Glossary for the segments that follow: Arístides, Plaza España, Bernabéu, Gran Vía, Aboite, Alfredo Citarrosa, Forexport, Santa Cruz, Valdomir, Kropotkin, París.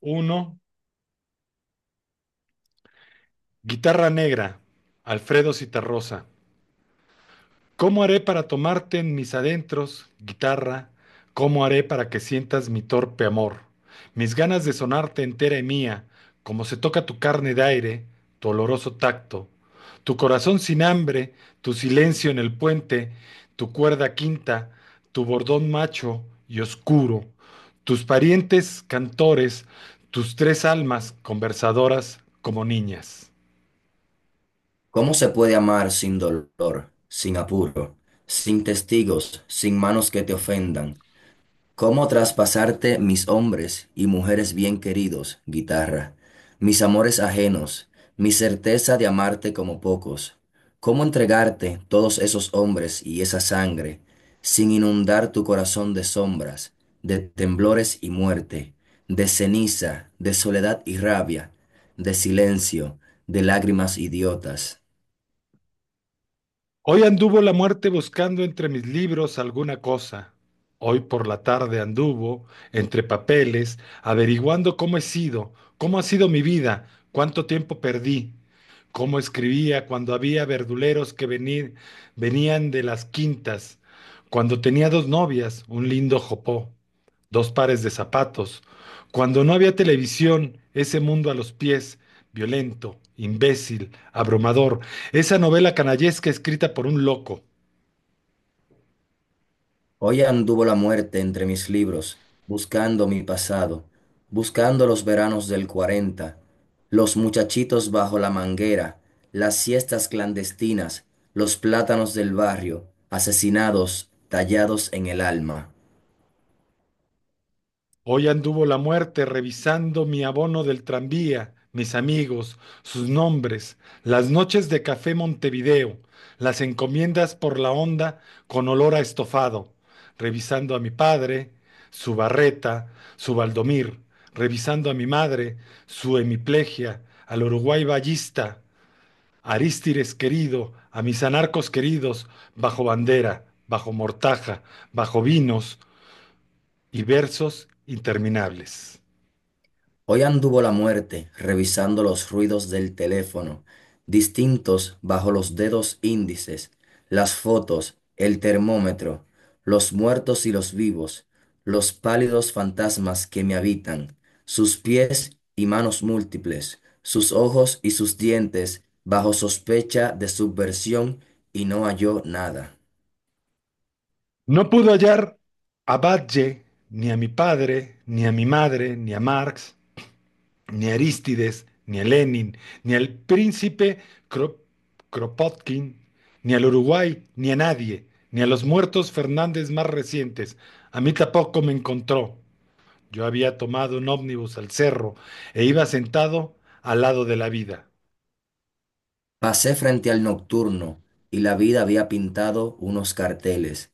Uno, Guitarra negra, Alfredo Citarrosa. ¿Cómo haré para tomarte en mis adentros, guitarra? ¿Cómo haré para que sientas mi torpe amor? Mis ganas de sonarte entera y mía, como se toca tu carne de aire, tu oloroso tacto, tu corazón sin hambre, tu silencio en el puente, tu cuerda quinta, tu bordón macho y oscuro, tus parientes cantores, tus tres almas conversadoras como niñas. ¿Cómo se puede amar sin dolor, sin apuro, sin testigos, sin manos que te ofendan? ¿Cómo traspasarte mis hombres y mujeres bien queridos, guitarra, mis amores ajenos, mi certeza de amarte como pocos? ¿Cómo entregarte todos esos hombres y esa sangre, sin inundar tu corazón de sombras, de temblores y muerte, de ceniza, de soledad y rabia, de silencio, de lágrimas idiotas? Hoy anduvo la muerte buscando entre mis libros alguna cosa. Hoy por la tarde anduvo entre papeles, averiguando cómo he sido, cómo ha sido mi vida, cuánto tiempo perdí, cómo escribía cuando había verduleros que venir, venían de las quintas, cuando tenía dos novias, un lindo jopó, dos pares de zapatos, cuando no había televisión, ese mundo a los pies, violento, imbécil, abrumador, esa novela canallesca escrita por un loco. Hoy anduvo la muerte entre mis libros, buscando mi pasado, buscando los veranos del 40, los muchachitos bajo la manguera, las siestas clandestinas, los plátanos del barrio, asesinados, tallados en el alma. Hoy anduvo la muerte revisando mi abono del tranvía, mis amigos, sus nombres, las noches de café Montevideo, las encomiendas por la onda con olor a estofado, revisando a mi padre, su barreta, su Valdomir, revisando a mi madre, su hemiplegia, al Uruguay Ballista, Arístides querido, a mis anarcos queridos, bajo bandera, bajo mortaja, bajo vinos y versos interminables. Hoy anduvo la muerte revisando los ruidos del teléfono, distintos bajo los dedos índices, las fotos, el termómetro, los muertos y los vivos, los pálidos fantasmas que me habitan, sus pies y manos múltiples, sus ojos y sus dientes bajo sospecha de subversión y no halló nada. No pudo hallar a Badge, ni a mi padre, ni a mi madre, ni a Marx, ni a Arístides, ni a Lenin, ni al príncipe Kro- Kropotkin, ni al Uruguay, ni a nadie, ni a los muertos Fernández más recientes. A mí tampoco me encontró. Yo había tomado un ómnibus al cerro e iba sentado al lado de la vida. Pasé frente al nocturno y la vida había pintado unos carteles.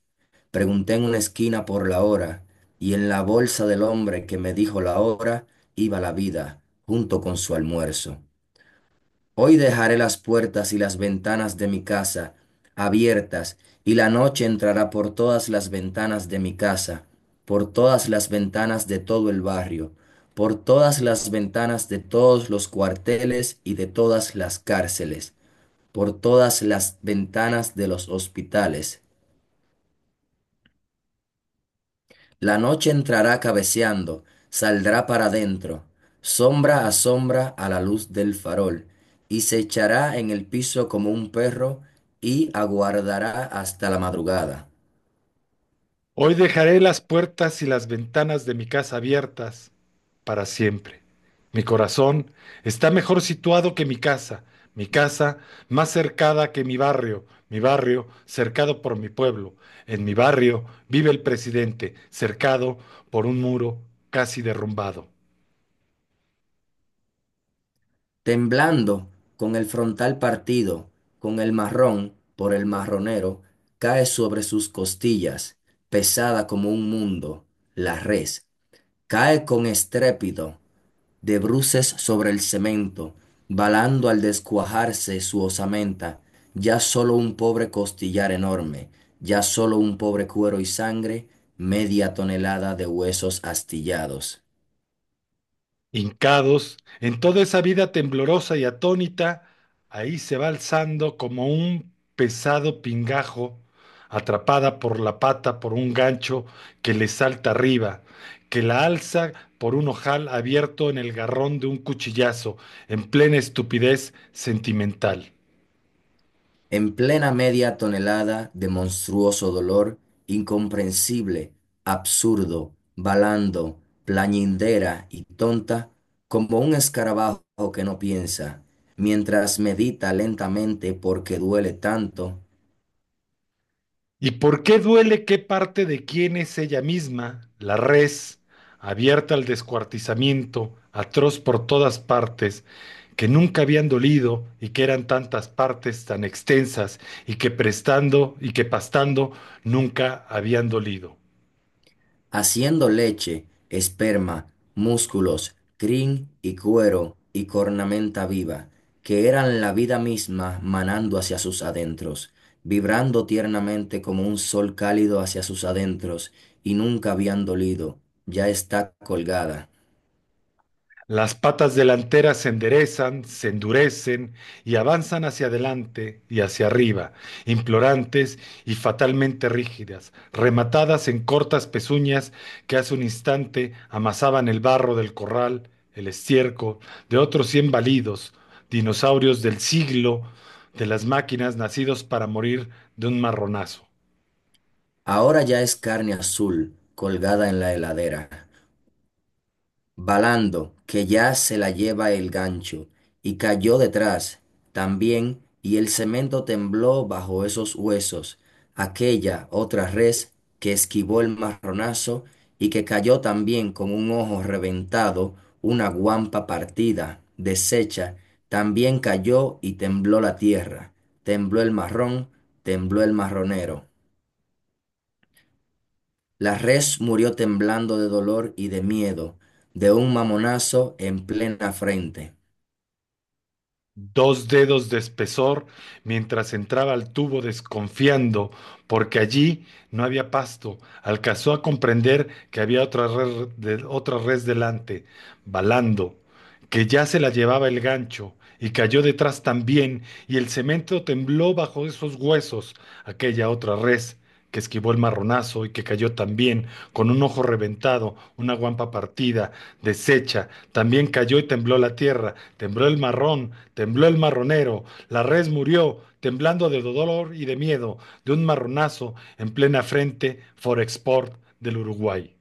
Pregunté en una esquina por la hora y en la bolsa del hombre que me dijo la hora iba la vida junto con su almuerzo. Hoy dejaré las puertas y las ventanas de mi casa abiertas y la noche entrará por todas las ventanas de mi casa, por todas las ventanas de todo el barrio, por todas las ventanas de todos los cuarteles y de todas las cárceles, por todas las ventanas de los hospitales. La noche entrará cabeceando, saldrá para dentro, sombra a sombra a la luz del farol, y se echará en el piso como un perro y aguardará hasta la madrugada. Hoy dejaré las puertas y las ventanas de mi casa abiertas para siempre. Mi corazón está mejor situado que mi casa más cercada que mi barrio cercado por mi pueblo. En mi barrio vive el presidente, cercado por un muro casi derrumbado. Temblando, con el frontal partido, con el marrón por el marronero, cae sobre sus costillas, pesada como un mundo, la res. Cae con estrépito de bruces sobre el cemento, balando al descuajarse su osamenta, ya sólo un pobre costillar enorme, ya sólo un pobre cuero y sangre, media tonelada de huesos astillados. Hincados, en toda esa vida temblorosa y atónita, ahí se va alzando como un pesado pingajo, atrapada por la pata por un gancho que le salta arriba, que la alza por un ojal abierto en el garrón de un cuchillazo, en plena estupidez sentimental. En plena media tonelada de monstruoso dolor, incomprensible, absurdo, balando, plañindera y tonta, como un escarabajo que no piensa, mientras medita lentamente porque duele tanto, ¿Y por qué duele qué parte de quién es ella misma, la res, abierta al descuartizamiento, atroz por todas partes, que nunca habían dolido y que eran tantas partes tan extensas y que prestando y que pastando nunca habían dolido? haciendo leche, esperma, músculos, crin y cuero y cornamenta viva, que eran la vida misma manando hacia sus adentros, vibrando tiernamente como un sol cálido hacia sus adentros, y nunca habían dolido, ya está colgada. Las patas delanteras se enderezan, se endurecen y avanzan hacia adelante y hacia arriba, implorantes y fatalmente rígidas, rematadas en cortas pezuñas que hace un instante amasaban el barro del corral, el estiércol de otros 100 balidos, dinosaurios del siglo de las máquinas nacidos para morir de un marronazo. Ahora ya es carne azul, colgada en la heladera. Balando, que ya se la lleva el gancho, y cayó detrás también, y el cemento tembló bajo esos huesos, aquella otra res que esquivó el marronazo y que cayó también con un ojo reventado, una guampa partida, deshecha, también cayó y tembló la tierra, tembló el marrón, tembló el marronero. La res murió temblando de dolor y de miedo, de un mamonazo en plena frente. Dos dedos de espesor mientras entraba al tubo desconfiando, porque allí no había pasto. Alcanzó a comprender que había otra res delante, balando que ya se la llevaba el gancho, y cayó detrás también, y el cemento tembló bajo esos huesos, aquella otra res que esquivó el marronazo y que cayó también, con un ojo reventado, una guampa partida, deshecha, también cayó y tembló la tierra, tembló el marrón, tembló el marronero, la res murió, temblando de dolor y de miedo, de un marronazo en plena frente Forexport del Uruguay.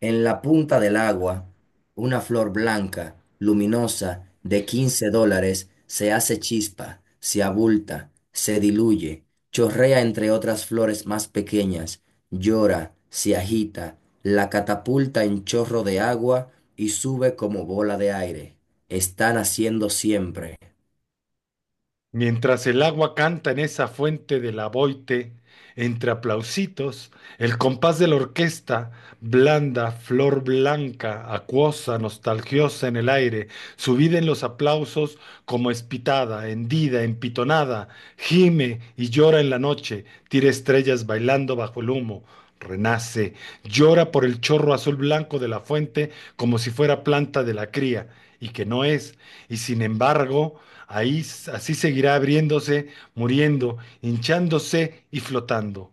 En la punta del agua, una flor blanca, luminosa, de 15 dólares, se hace chispa, se abulta, se diluye, chorrea entre otras flores más pequeñas, llora, se agita, la catapulta en chorro de agua y sube como bola de aire. Están haciendo siempre. Mientras el agua canta en esa fuente del Aboite, entre aplausitos, el compás de la orquesta, blanda, flor blanca, acuosa, nostalgiosa en el aire, subida en los aplausos como espitada, hendida, empitonada, gime y llora en la noche, tira estrellas bailando bajo el humo. Renace, llora por el chorro azul blanco de la fuente como si fuera planta de la cría, y que no es, y sin embargo, ahí así seguirá abriéndose, muriendo, hinchándose y flotando.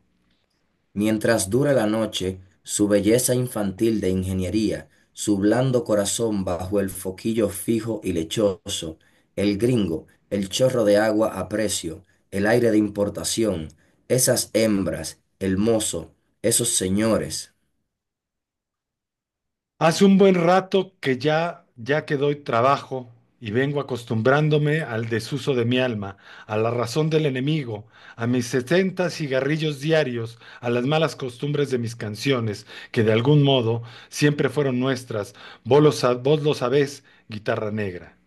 Mientras dura la noche, su belleza infantil de ingeniería, su blando corazón bajo el foquillo fijo y lechoso, el gringo, el chorro de agua a precio, el aire de importación, esas hembras, el mozo, esos señores. Hace un buen rato que ya que doy trabajo y vengo acostumbrándome al desuso de mi alma, a la razón del enemigo, a mis 70 cigarrillos diarios, a las malas costumbres de mis canciones, que de algún modo siempre fueron nuestras. Vos lo sabés, guitarra negra.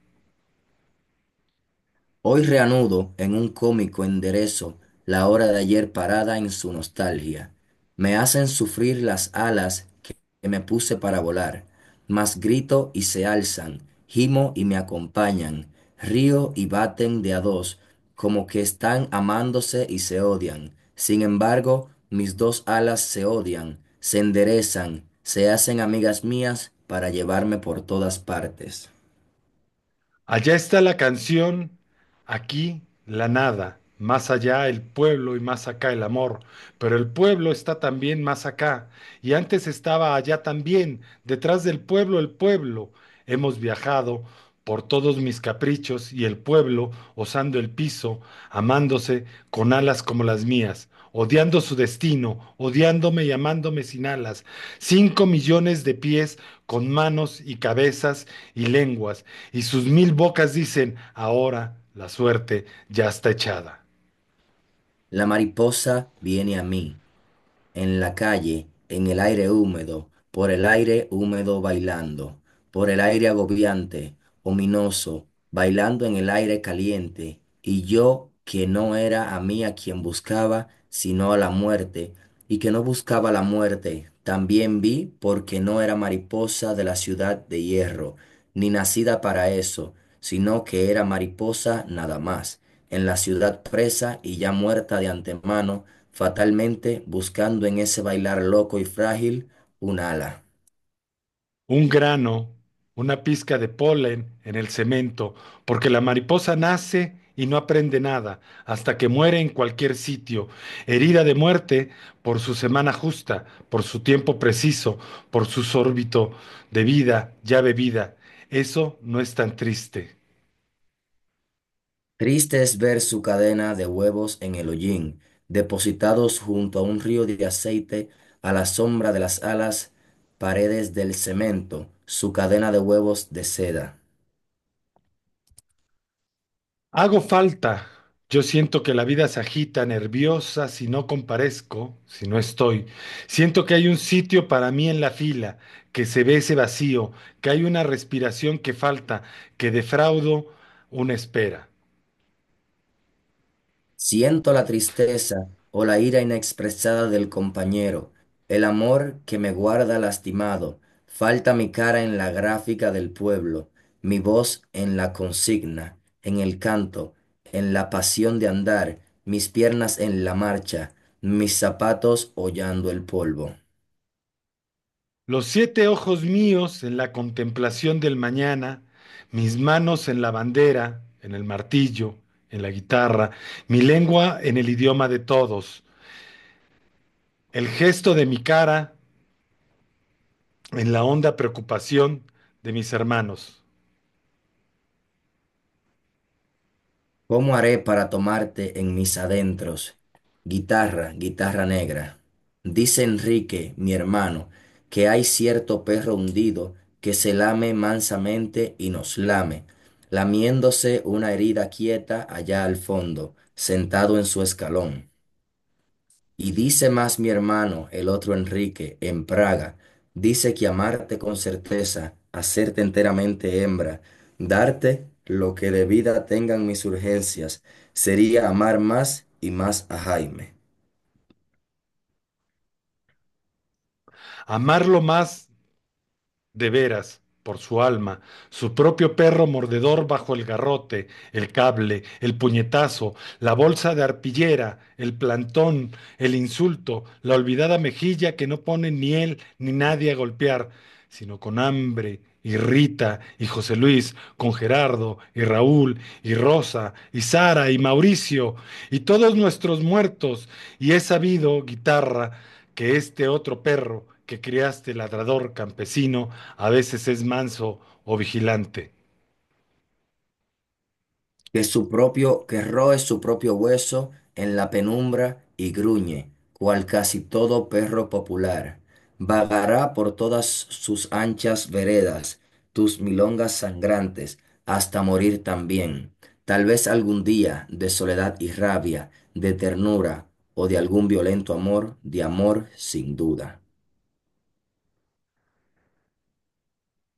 Hoy reanudo en un cómico enderezo la hora de ayer parada en su nostalgia. Me hacen sufrir las alas que me puse para volar, mas grito y se alzan, gimo y me acompañan, río y baten de a dos, como que están amándose y se odian. Sin embargo, mis dos alas se odian, se enderezan, se hacen amigas mías para llevarme por todas partes. Allá está la canción, aquí la nada, más allá el pueblo y más acá el amor, pero el pueblo está también más acá, y antes estaba allá también, detrás del pueblo el pueblo. Hemos viajado por todos mis caprichos y el pueblo, osando el piso, amándose con alas como las mías, odiando su destino, odiándome y amándome sin alas, 5 millones de pies con manos y cabezas y lenguas, y sus 1.000 bocas dicen, ahora la suerte ya está echada. La mariposa viene a mí en la calle, en el aire húmedo, por el aire húmedo bailando, por el aire agobiante, ominoso, bailando en el aire caliente, y yo que no era a mí a quien buscaba, sino a la muerte, y que no buscaba la muerte, también vi porque no era mariposa de la ciudad de hierro, ni nacida para eso, sino que era mariposa nada más en la ciudad presa y ya muerta de antemano, fatalmente buscando en ese bailar loco y frágil un ala. Un grano, una pizca de polen en el cemento, porque la mariposa nace y no aprende nada, hasta que muere en cualquier sitio, herida de muerte por su semana justa, por su tiempo preciso, por su órbito de vida ya bebida. Eso no es tan triste. Triste es ver su cadena de huevos en el hollín, depositados junto a un río de aceite, a la sombra de las alas, paredes del cemento, su cadena de huevos de seda. Hago falta. Yo siento que la vida se agita, nerviosa, si no comparezco, si no estoy. Siento que hay un sitio para mí en la fila, que se ve ese vacío, que hay una respiración que falta, que defraudo una espera. Siento la tristeza o la ira inexpresada del compañero, el amor que me guarda lastimado, falta mi cara en la gráfica del pueblo, mi voz en la consigna, en el canto, en la pasión de andar, mis piernas en la marcha, mis zapatos hollando el polvo. Los siete ojos míos en la contemplación del mañana, mis manos en la bandera, en el martillo, en la guitarra, mi lengua en el idioma de todos, el gesto de mi cara. En la honda preocupación de mis hermanos, ¿Cómo haré para tomarte en mis adentros? Guitarra, guitarra negra. Dice Enrique, mi hermano, que hay cierto perro hundido que se lame mansamente y nos lame, lamiéndose una herida quieta allá al fondo, sentado en su escalón. Y dice más mi hermano, el otro Enrique, en Praga, dice que amarte con certeza, hacerte enteramente hembra, darte lo que de vida tengan mis urgencias, sería amar más y más a Jaime, amarlo más de veras, por su alma, su propio perro mordedor bajo el garrote, el cable, el puñetazo, la bolsa de arpillera, el plantón, el insulto, la olvidada mejilla que no pone ni él ni nadie a golpear, sino con hambre. Y Rita, y José Luis, con Gerardo, y Raúl, y Rosa, y Sara, y Mauricio, y todos nuestros muertos, y he sabido, guitarra, que este otro perro que criaste, ladrador campesino, a veces es manso o vigilante. que su propio, que roe su propio hueso en la penumbra y gruñe, cual casi todo perro popular. Vagará por todas sus anchas veredas, tus milongas sangrantes, hasta morir también. Tal vez algún día, de soledad y rabia, de ternura o de algún violento amor, de amor sin duda.